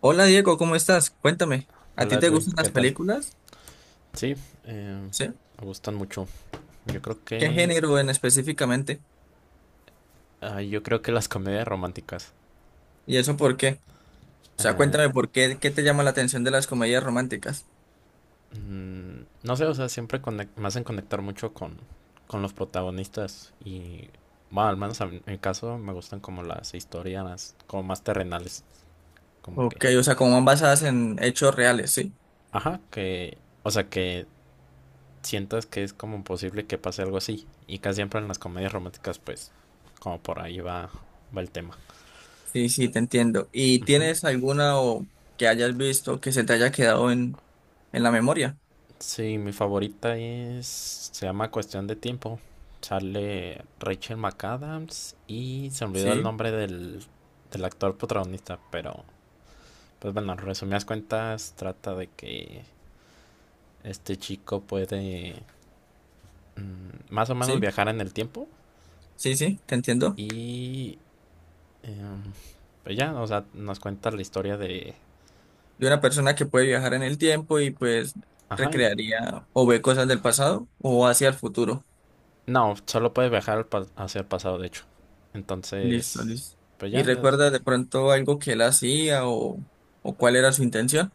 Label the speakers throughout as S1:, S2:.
S1: Hola Diego, ¿cómo estás? Cuéntame, ¿a
S2: Hola
S1: ti te
S2: Edwin,
S1: gustan las
S2: ¿qué tal?
S1: películas?
S2: Sí, eh,
S1: ¿Sí?
S2: me gustan mucho. Yo creo
S1: ¿Qué
S2: que,
S1: género en específicamente?
S2: yo creo que las comedias románticas.
S1: ¿Y eso por qué? O sea,
S2: eh,
S1: cuéntame por qué, qué te llama la atención de las comedias románticas.
S2: no sé, o sea, siempre me hacen conectar mucho con los protagonistas y, bueno, al menos en mi caso me gustan como las historias como más terrenales, como
S1: Ok,
S2: que,
S1: o sea, como van basadas en hechos reales, ¿sí?
S2: ajá, que, o sea, que sientas que es como posible que pase algo así y casi siempre en las comedias románticas, pues, como por ahí va, va el tema.
S1: Sí, sí, te entiendo. ¿Y
S2: Ujú.
S1: tienes alguna o que hayas visto que se te haya quedado en la memoria?
S2: Sí, mi favorita es, se llama Cuestión de Tiempo. Sale Rachel McAdams y se olvidó el
S1: Sí,
S2: nombre del, del actor protagonista, pero pues bueno, en resumidas cuentas trata de que este chico puede más o menos
S1: sí,
S2: viajar en el tiempo
S1: sí, sí, te entiendo.
S2: y em, pues ya, o sea, nos cuenta la historia de...
S1: De una persona que puede viajar en el tiempo y pues
S2: Ajá,
S1: recrearía o ve cosas del pasado o hacia el futuro.
S2: no, solo puede viajar al hacia el pasado, de hecho.
S1: Listo,
S2: Entonces,
S1: listo.
S2: pues
S1: ¿Y
S2: ya,
S1: recuerdas de pronto algo que él hacía o cuál era su intención?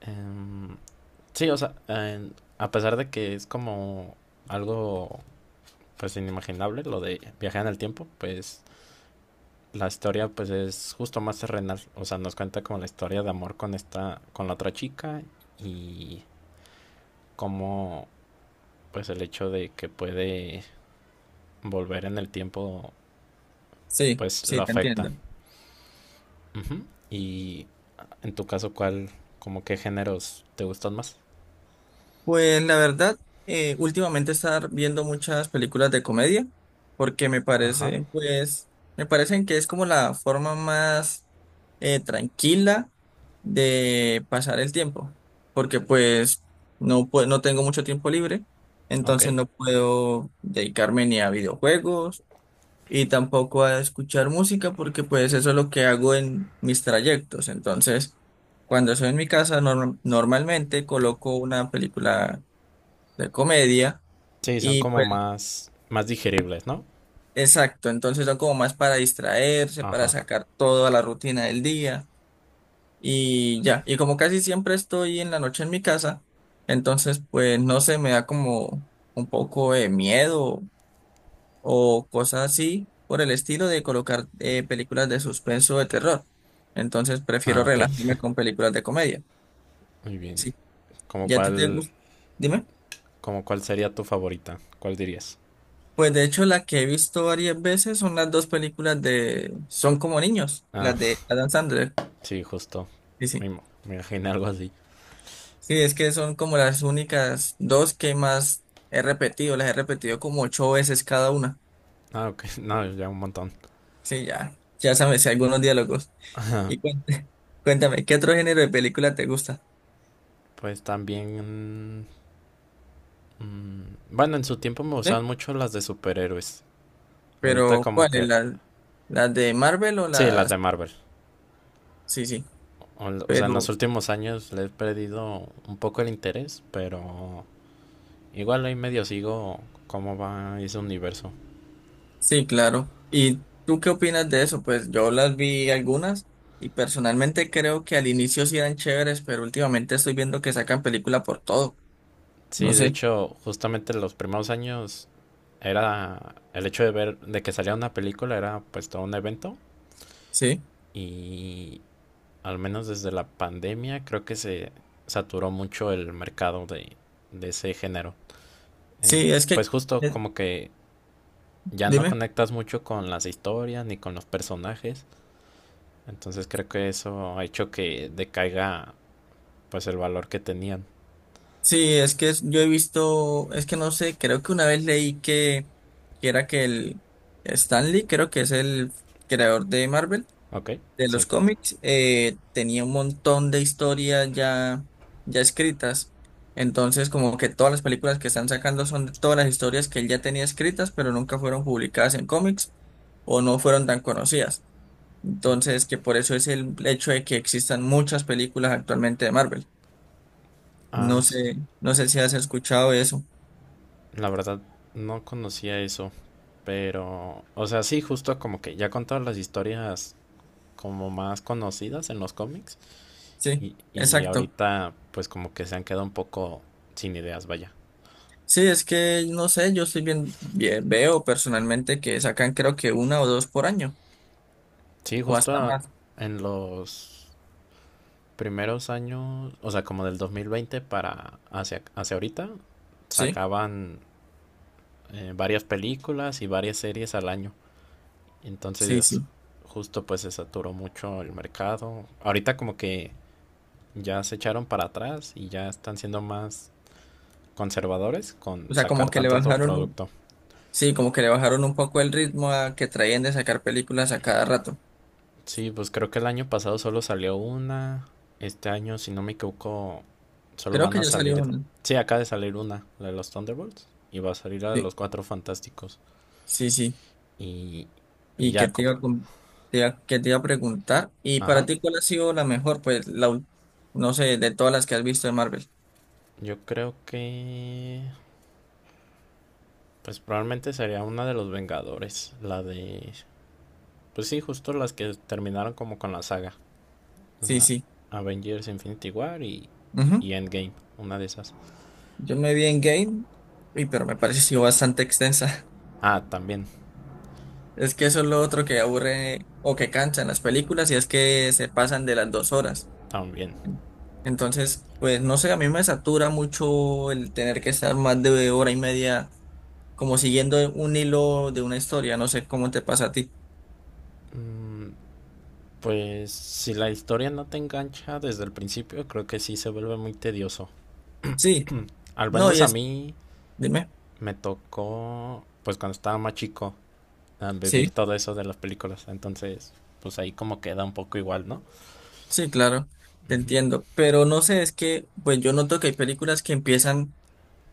S2: Em, sí, o sea, a pesar de que es como algo pues inimaginable lo de viajar en el tiempo, pues la historia pues es justo más terrenal, o sea, nos cuenta como la historia de amor con esta con la otra chica y cómo pues el hecho de que puede volver en el tiempo
S1: Sí,
S2: pues lo
S1: sí, te
S2: afecta.
S1: entiendo.
S2: Ujú. Y en tu caso, ¿cuál, como qué géneros te gustan más?
S1: Pues la verdad, últimamente estar viendo muchas películas de comedia porque
S2: Ajá,
S1: pues, me parecen que es como la forma más tranquila de pasar el tiempo, porque pues no tengo mucho tiempo libre,
S2: ok.
S1: entonces no puedo dedicarme ni a videojuegos y tampoco a escuchar música porque pues eso es lo que hago en mis trayectos. Entonces, cuando estoy en mi casa, normalmente coloco una película de comedia
S2: Sí, son
S1: y
S2: como
S1: pues
S2: más digeribles, ¿no?
S1: exacto, entonces son como más para distraerse, para
S2: Ajá.
S1: sacar toda la rutina del día y ya. Y como casi siempre estoy en la noche en mi casa, entonces pues no sé, me da como un poco de miedo o cosas así por el estilo de colocar películas de suspenso o de terror. Entonces prefiero
S2: Ah, ok.
S1: relajarme con películas de comedia.
S2: Muy bien.
S1: Sí,
S2: ¿Cómo
S1: ¿ya a ti te
S2: cuál,
S1: gusta? Dime.
S2: ¿como cuál sería tu favorita? ¿Cuál dirías?
S1: Pues de hecho la que he visto varias veces son las dos películas de Son como niños,
S2: Ah,
S1: las de Adam Sandler.
S2: sí, justo.
S1: Sí, sí.
S2: Me imaginé algo así.
S1: Sí, es que son como las únicas dos que más he repetido, las he repetido como 8 veces cada una.
S2: Ah, ok. No, ya un montón.
S1: Sí, ya, ya sabes, si algunos diálogos. Y cuéntame, cuéntame, ¿qué otro género de película te gusta?
S2: Pues también... mm, bueno, en su tiempo me gustaban
S1: ¿Sí?
S2: mucho las de superhéroes. Ahorita
S1: Pero,
S2: como
S1: ¿cuáles?
S2: que...
S1: ¿Las de Marvel o
S2: Sí, las de
S1: las?
S2: Marvel.
S1: Sí, sí,
S2: O sea, en los
S1: pero
S2: últimos años le he perdido un poco el interés, pero igual ahí medio sigo cómo va ese universo.
S1: sí, claro. ¿Y tú qué opinas de eso? Pues yo las vi algunas y personalmente creo que al inicio sí eran chéveres, pero últimamente estoy viendo que sacan película por todo. No
S2: Sí, de
S1: sé,
S2: hecho, justamente los primeros años era el hecho de ver, de que salía una película era pues todo un evento
S1: sí.
S2: y al menos desde la pandemia creo que se saturó mucho el mercado de ese género.
S1: Sí, es que,
S2: Pues justo
S1: eh,
S2: como que ya no
S1: dime.
S2: conectas mucho con las historias ni con los personajes, entonces creo que eso ha hecho que decaiga pues el valor que tenían.
S1: Sí, es que yo he visto, es que no sé, creo que una vez leí que era que el Stanley, creo que es el creador de Marvel
S2: Ok,
S1: de
S2: sí.
S1: los cómics tenía un montón de historias ya escritas. Entonces, como que todas las películas que están sacando son de todas las historias que él ya tenía escritas, pero nunca fueron publicadas en cómics o no fueron tan conocidas. Entonces, que por eso es el hecho de que existan muchas películas actualmente de Marvel.
S2: Ah,
S1: No sé, no sé si has escuchado eso.
S2: la verdad, no conocía eso, pero, o sea, sí, justo como que ya con todas las historias como más conocidas en los cómics
S1: Sí,
S2: y
S1: exacto.
S2: ahorita pues como que se han quedado un poco sin ideas, vaya.
S1: Sí, es que no sé, yo estoy veo personalmente que sacan creo que una o dos por año
S2: Sí,
S1: o
S2: justo
S1: hasta más.
S2: en los primeros años, o sea, como del 2020 para hacia, hacia ahorita,
S1: ¿Sí?
S2: sacaban varias películas y varias series al año.
S1: Sí,
S2: Entonces,
S1: sí.
S2: justo pues se saturó mucho el mercado. Ahorita como que ya se echaron para atrás y ya están siendo más conservadores con
S1: O sea,
S2: sacar
S1: como que le
S2: tanto, tanto
S1: bajaron
S2: producto.
S1: sí, como que le bajaron un poco el ritmo a que traían de sacar películas a cada rato.
S2: Sí, pues creo que el año pasado solo salió una. Este año, si no me equivoco, solo
S1: Creo
S2: van
S1: que
S2: a
S1: ya salió
S2: salir.
S1: una.
S2: Sí, acaba de salir una, la de los Thunderbolts. Y va a salir la de
S1: Sí,
S2: los Cuatro Fantásticos.
S1: sí, sí.
S2: Y, y
S1: Y que
S2: ya,
S1: te
S2: como-
S1: iba a, com- Que te iba a preguntar. ¿Y para
S2: Ajá.
S1: ti cuál ha sido la mejor? No sé, de todas las que has visto de Marvel.
S2: Yo creo que. Pues probablemente sería una de los Vengadores. La de. Pues sí, justo las que terminaron como con la saga.
S1: Sí,
S2: La
S1: sí.
S2: Avengers Infinity War
S1: Ujú.
S2: y Endgame, una de esas.
S1: Yo me vi en Game, pero me pareció bastante extensa.
S2: Ah, también,
S1: Es que eso es lo otro que aburre o que cansa en las películas y es que se pasan de las 2 horas.
S2: también.
S1: Entonces, pues no sé, a mí me satura mucho el tener que estar más de hora y media como siguiendo un hilo de una historia, no sé cómo te pasa a ti.
S2: Mm, Pues si la historia no te engancha desde el principio, creo que sí se vuelve muy tedioso.
S1: Sí,
S2: Al
S1: no,
S2: menos a mí
S1: dime,
S2: me tocó, pues cuando estaba más chico, a vivir
S1: sí,
S2: todo eso de las películas. Entonces, pues ahí como queda un poco igual, ¿no?
S1: sí, claro, te
S2: Ujú.
S1: entiendo, pero no sé, es que pues yo noto que hay películas que empiezan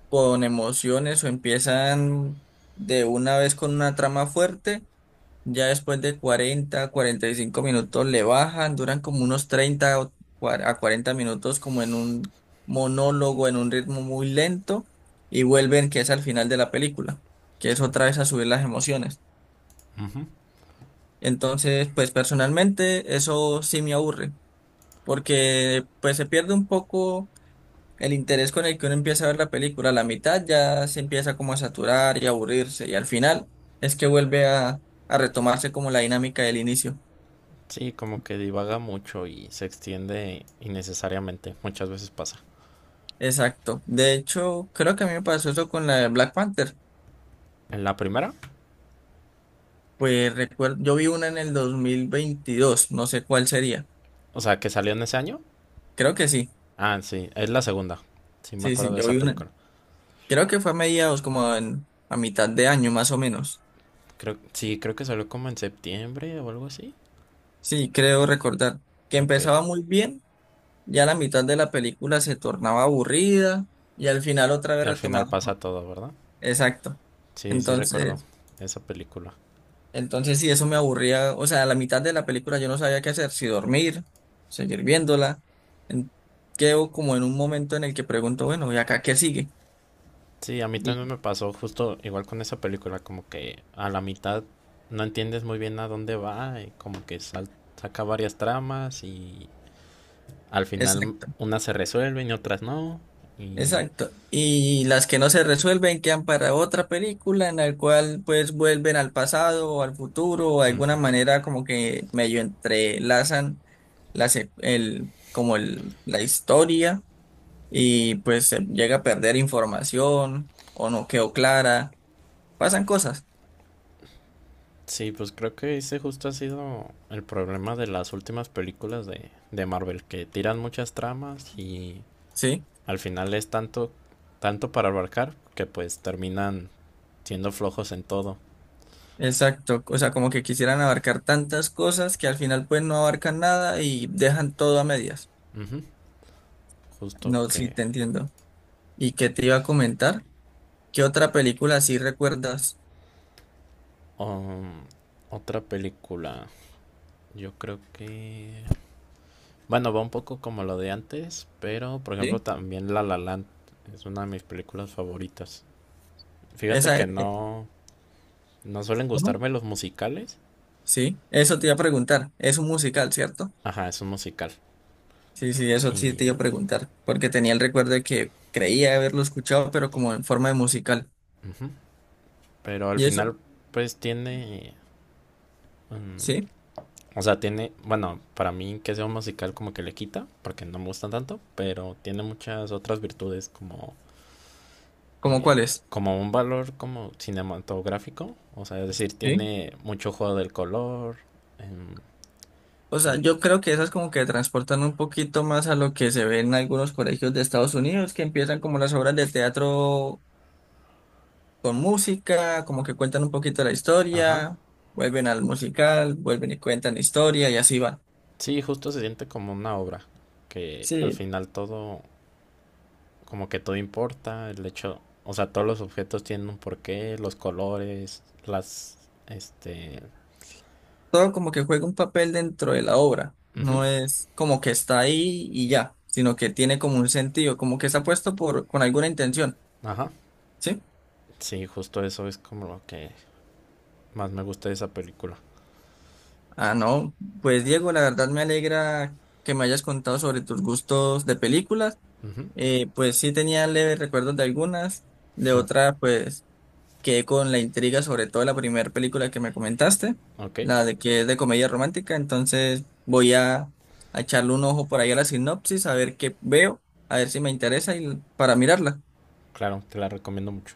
S1: con emociones o empiezan de una vez con una trama fuerte. Ya después de 40, 45 minutos le bajan, duran como unos 30 o a 40 minutos como en un monólogo, en un ritmo muy lento y vuelven que es al final de la película, que es
S2: Sí,
S1: otra vez a subir las emociones.
S2: ujú.
S1: Entonces, pues personalmente eso sí me aburre, porque pues se pierde un poco el interés con el que uno empieza a ver la película. A la mitad ya se empieza como a saturar y a aburrirse y al final es que vuelve a retomarse como la dinámica del inicio.
S2: Sí, como que divaga mucho y se extiende innecesariamente. Muchas veces pasa.
S1: Exacto. De hecho, creo que a mí me pasó eso con la de Black Panther.
S2: En la primera,
S1: Pues recuerdo, yo vi una en el 2022. No sé cuál sería.
S2: o sea, que salió en ese año.
S1: Creo que sí.
S2: Ah, sí, es la segunda. Sí, me
S1: Sí,
S2: acuerdo
S1: sí,
S2: de
S1: yo
S2: esa
S1: vi una.
S2: película.
S1: Creo que fue a mediados, como a mitad de año más o menos.
S2: Creo, sí, creo que salió como en septiembre o algo así.
S1: Sí, creo recordar que
S2: Ok.
S1: empezaba muy bien, ya la mitad de la película se tornaba aburrida y al final otra vez
S2: Y al final
S1: retomaba.
S2: pasa todo, ¿verdad?
S1: Exacto.
S2: Sí, sí recuerdo
S1: Entonces,
S2: esa película.
S1: Entonces, sí, eso me aburría. O sea, a la mitad de la película yo no sabía qué hacer, si dormir, seguir viéndola. En- quedo como en un momento en el que pregunto, bueno, ¿y acá qué sigue?
S2: Sí, a mí
S1: Y-
S2: también me pasó justo igual con esa película, como que a la mitad no entiendes muy bien a dónde va y como que saca varias tramas y al final
S1: exacto,
S2: unas se resuelven y otras no. Y
S1: exacto. Y las que no se resuelven quedan para otra película en la cual pues vuelven al pasado o al futuro o de alguna manera como que medio entrelazan la se- el, como el, la historia y pues se llega a perder información o no quedó clara. Pasan cosas,
S2: sí, pues creo que ese justo ha sido el problema de las últimas películas de Marvel, que tiran muchas tramas y
S1: ¿sí?
S2: al final es tanto, tanto para abarcar que pues terminan siendo flojos en todo.
S1: Exacto, o sea, como que quisieran abarcar tantas cosas que al final pues no abarcan nada y dejan todo a medias.
S2: Ujú, justo
S1: No, sí,
S2: que...
S1: te entiendo. ¿Y qué te iba a comentar? ¿Qué otra película sí recuerdas?
S2: um, otra película, yo creo que... Bueno, va un poco como lo de antes, pero por ejemplo
S1: ¿Sí?
S2: también La La Land es una de mis películas favoritas. Fíjate
S1: Esa,
S2: que no, no suelen
S1: ¿cómo?
S2: gustarme los musicales.
S1: Sí, eso te iba a preguntar. Es un musical, ¿cierto?
S2: Ajá, es un musical.
S1: Sí, sí, eso sí te iba
S2: Y
S1: a preguntar, porque tenía el recuerdo de que creía haberlo escuchado, pero como en forma de musical.
S2: ujú, pero al
S1: ¿Y eso?
S2: final, pues tiene.
S1: ¿Sí?
S2: mm, o sea, tiene. Bueno, para mí que sea un musical como que le quita, porque no me gusta tanto, pero tiene muchas otras virtudes como.
S1: ¿Cómo
S2: eh,
S1: cuál es?
S2: Como un valor como cinematográfico. O sea, es decir,
S1: ¿Sí?
S2: tiene mucho juego del color. em,
S1: O sea,
S2: el,
S1: yo creo que esas como que transportan un poquito más a lo que se ve en algunos colegios de Estados Unidos, que empiezan como las obras de teatro con música, como que cuentan un poquito la
S2: ajá.
S1: historia, vuelven al musical, vuelven y cuentan la historia y así va.
S2: Sí, justo se siente como una obra. Que al
S1: Sí,
S2: final todo. Como que todo importa, el hecho, o sea, todos los objetos tienen un porqué, los colores, las, este,
S1: todo como que juega un papel dentro de la obra,
S2: ujú,
S1: no es como que está ahí y ya, sino que tiene como un sentido, como que está puesto con alguna intención,
S2: ajá,
S1: ¿sí?
S2: sí, justo eso es como lo que más me gusta de esa película.
S1: Ah, no, pues Diego, la verdad me alegra que me hayas contado sobre tus gustos de películas.
S2: Ujú,
S1: Pues sí tenía leves recuerdos de algunas, de otras pues quedé con la intriga sobre todo la primera película que me comentaste,
S2: ok,
S1: la de que es de comedia romántica, entonces voy a echarle un ojo por ahí a la sinopsis, a ver qué veo, a ver si me interesa y para mirarla.
S2: claro, te la recomiendo mucho.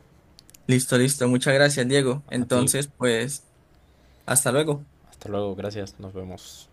S1: Listo, listo, muchas gracias, Diego.
S2: A ti,
S1: Entonces, pues, hasta luego.
S2: hasta luego, gracias, nos vemos.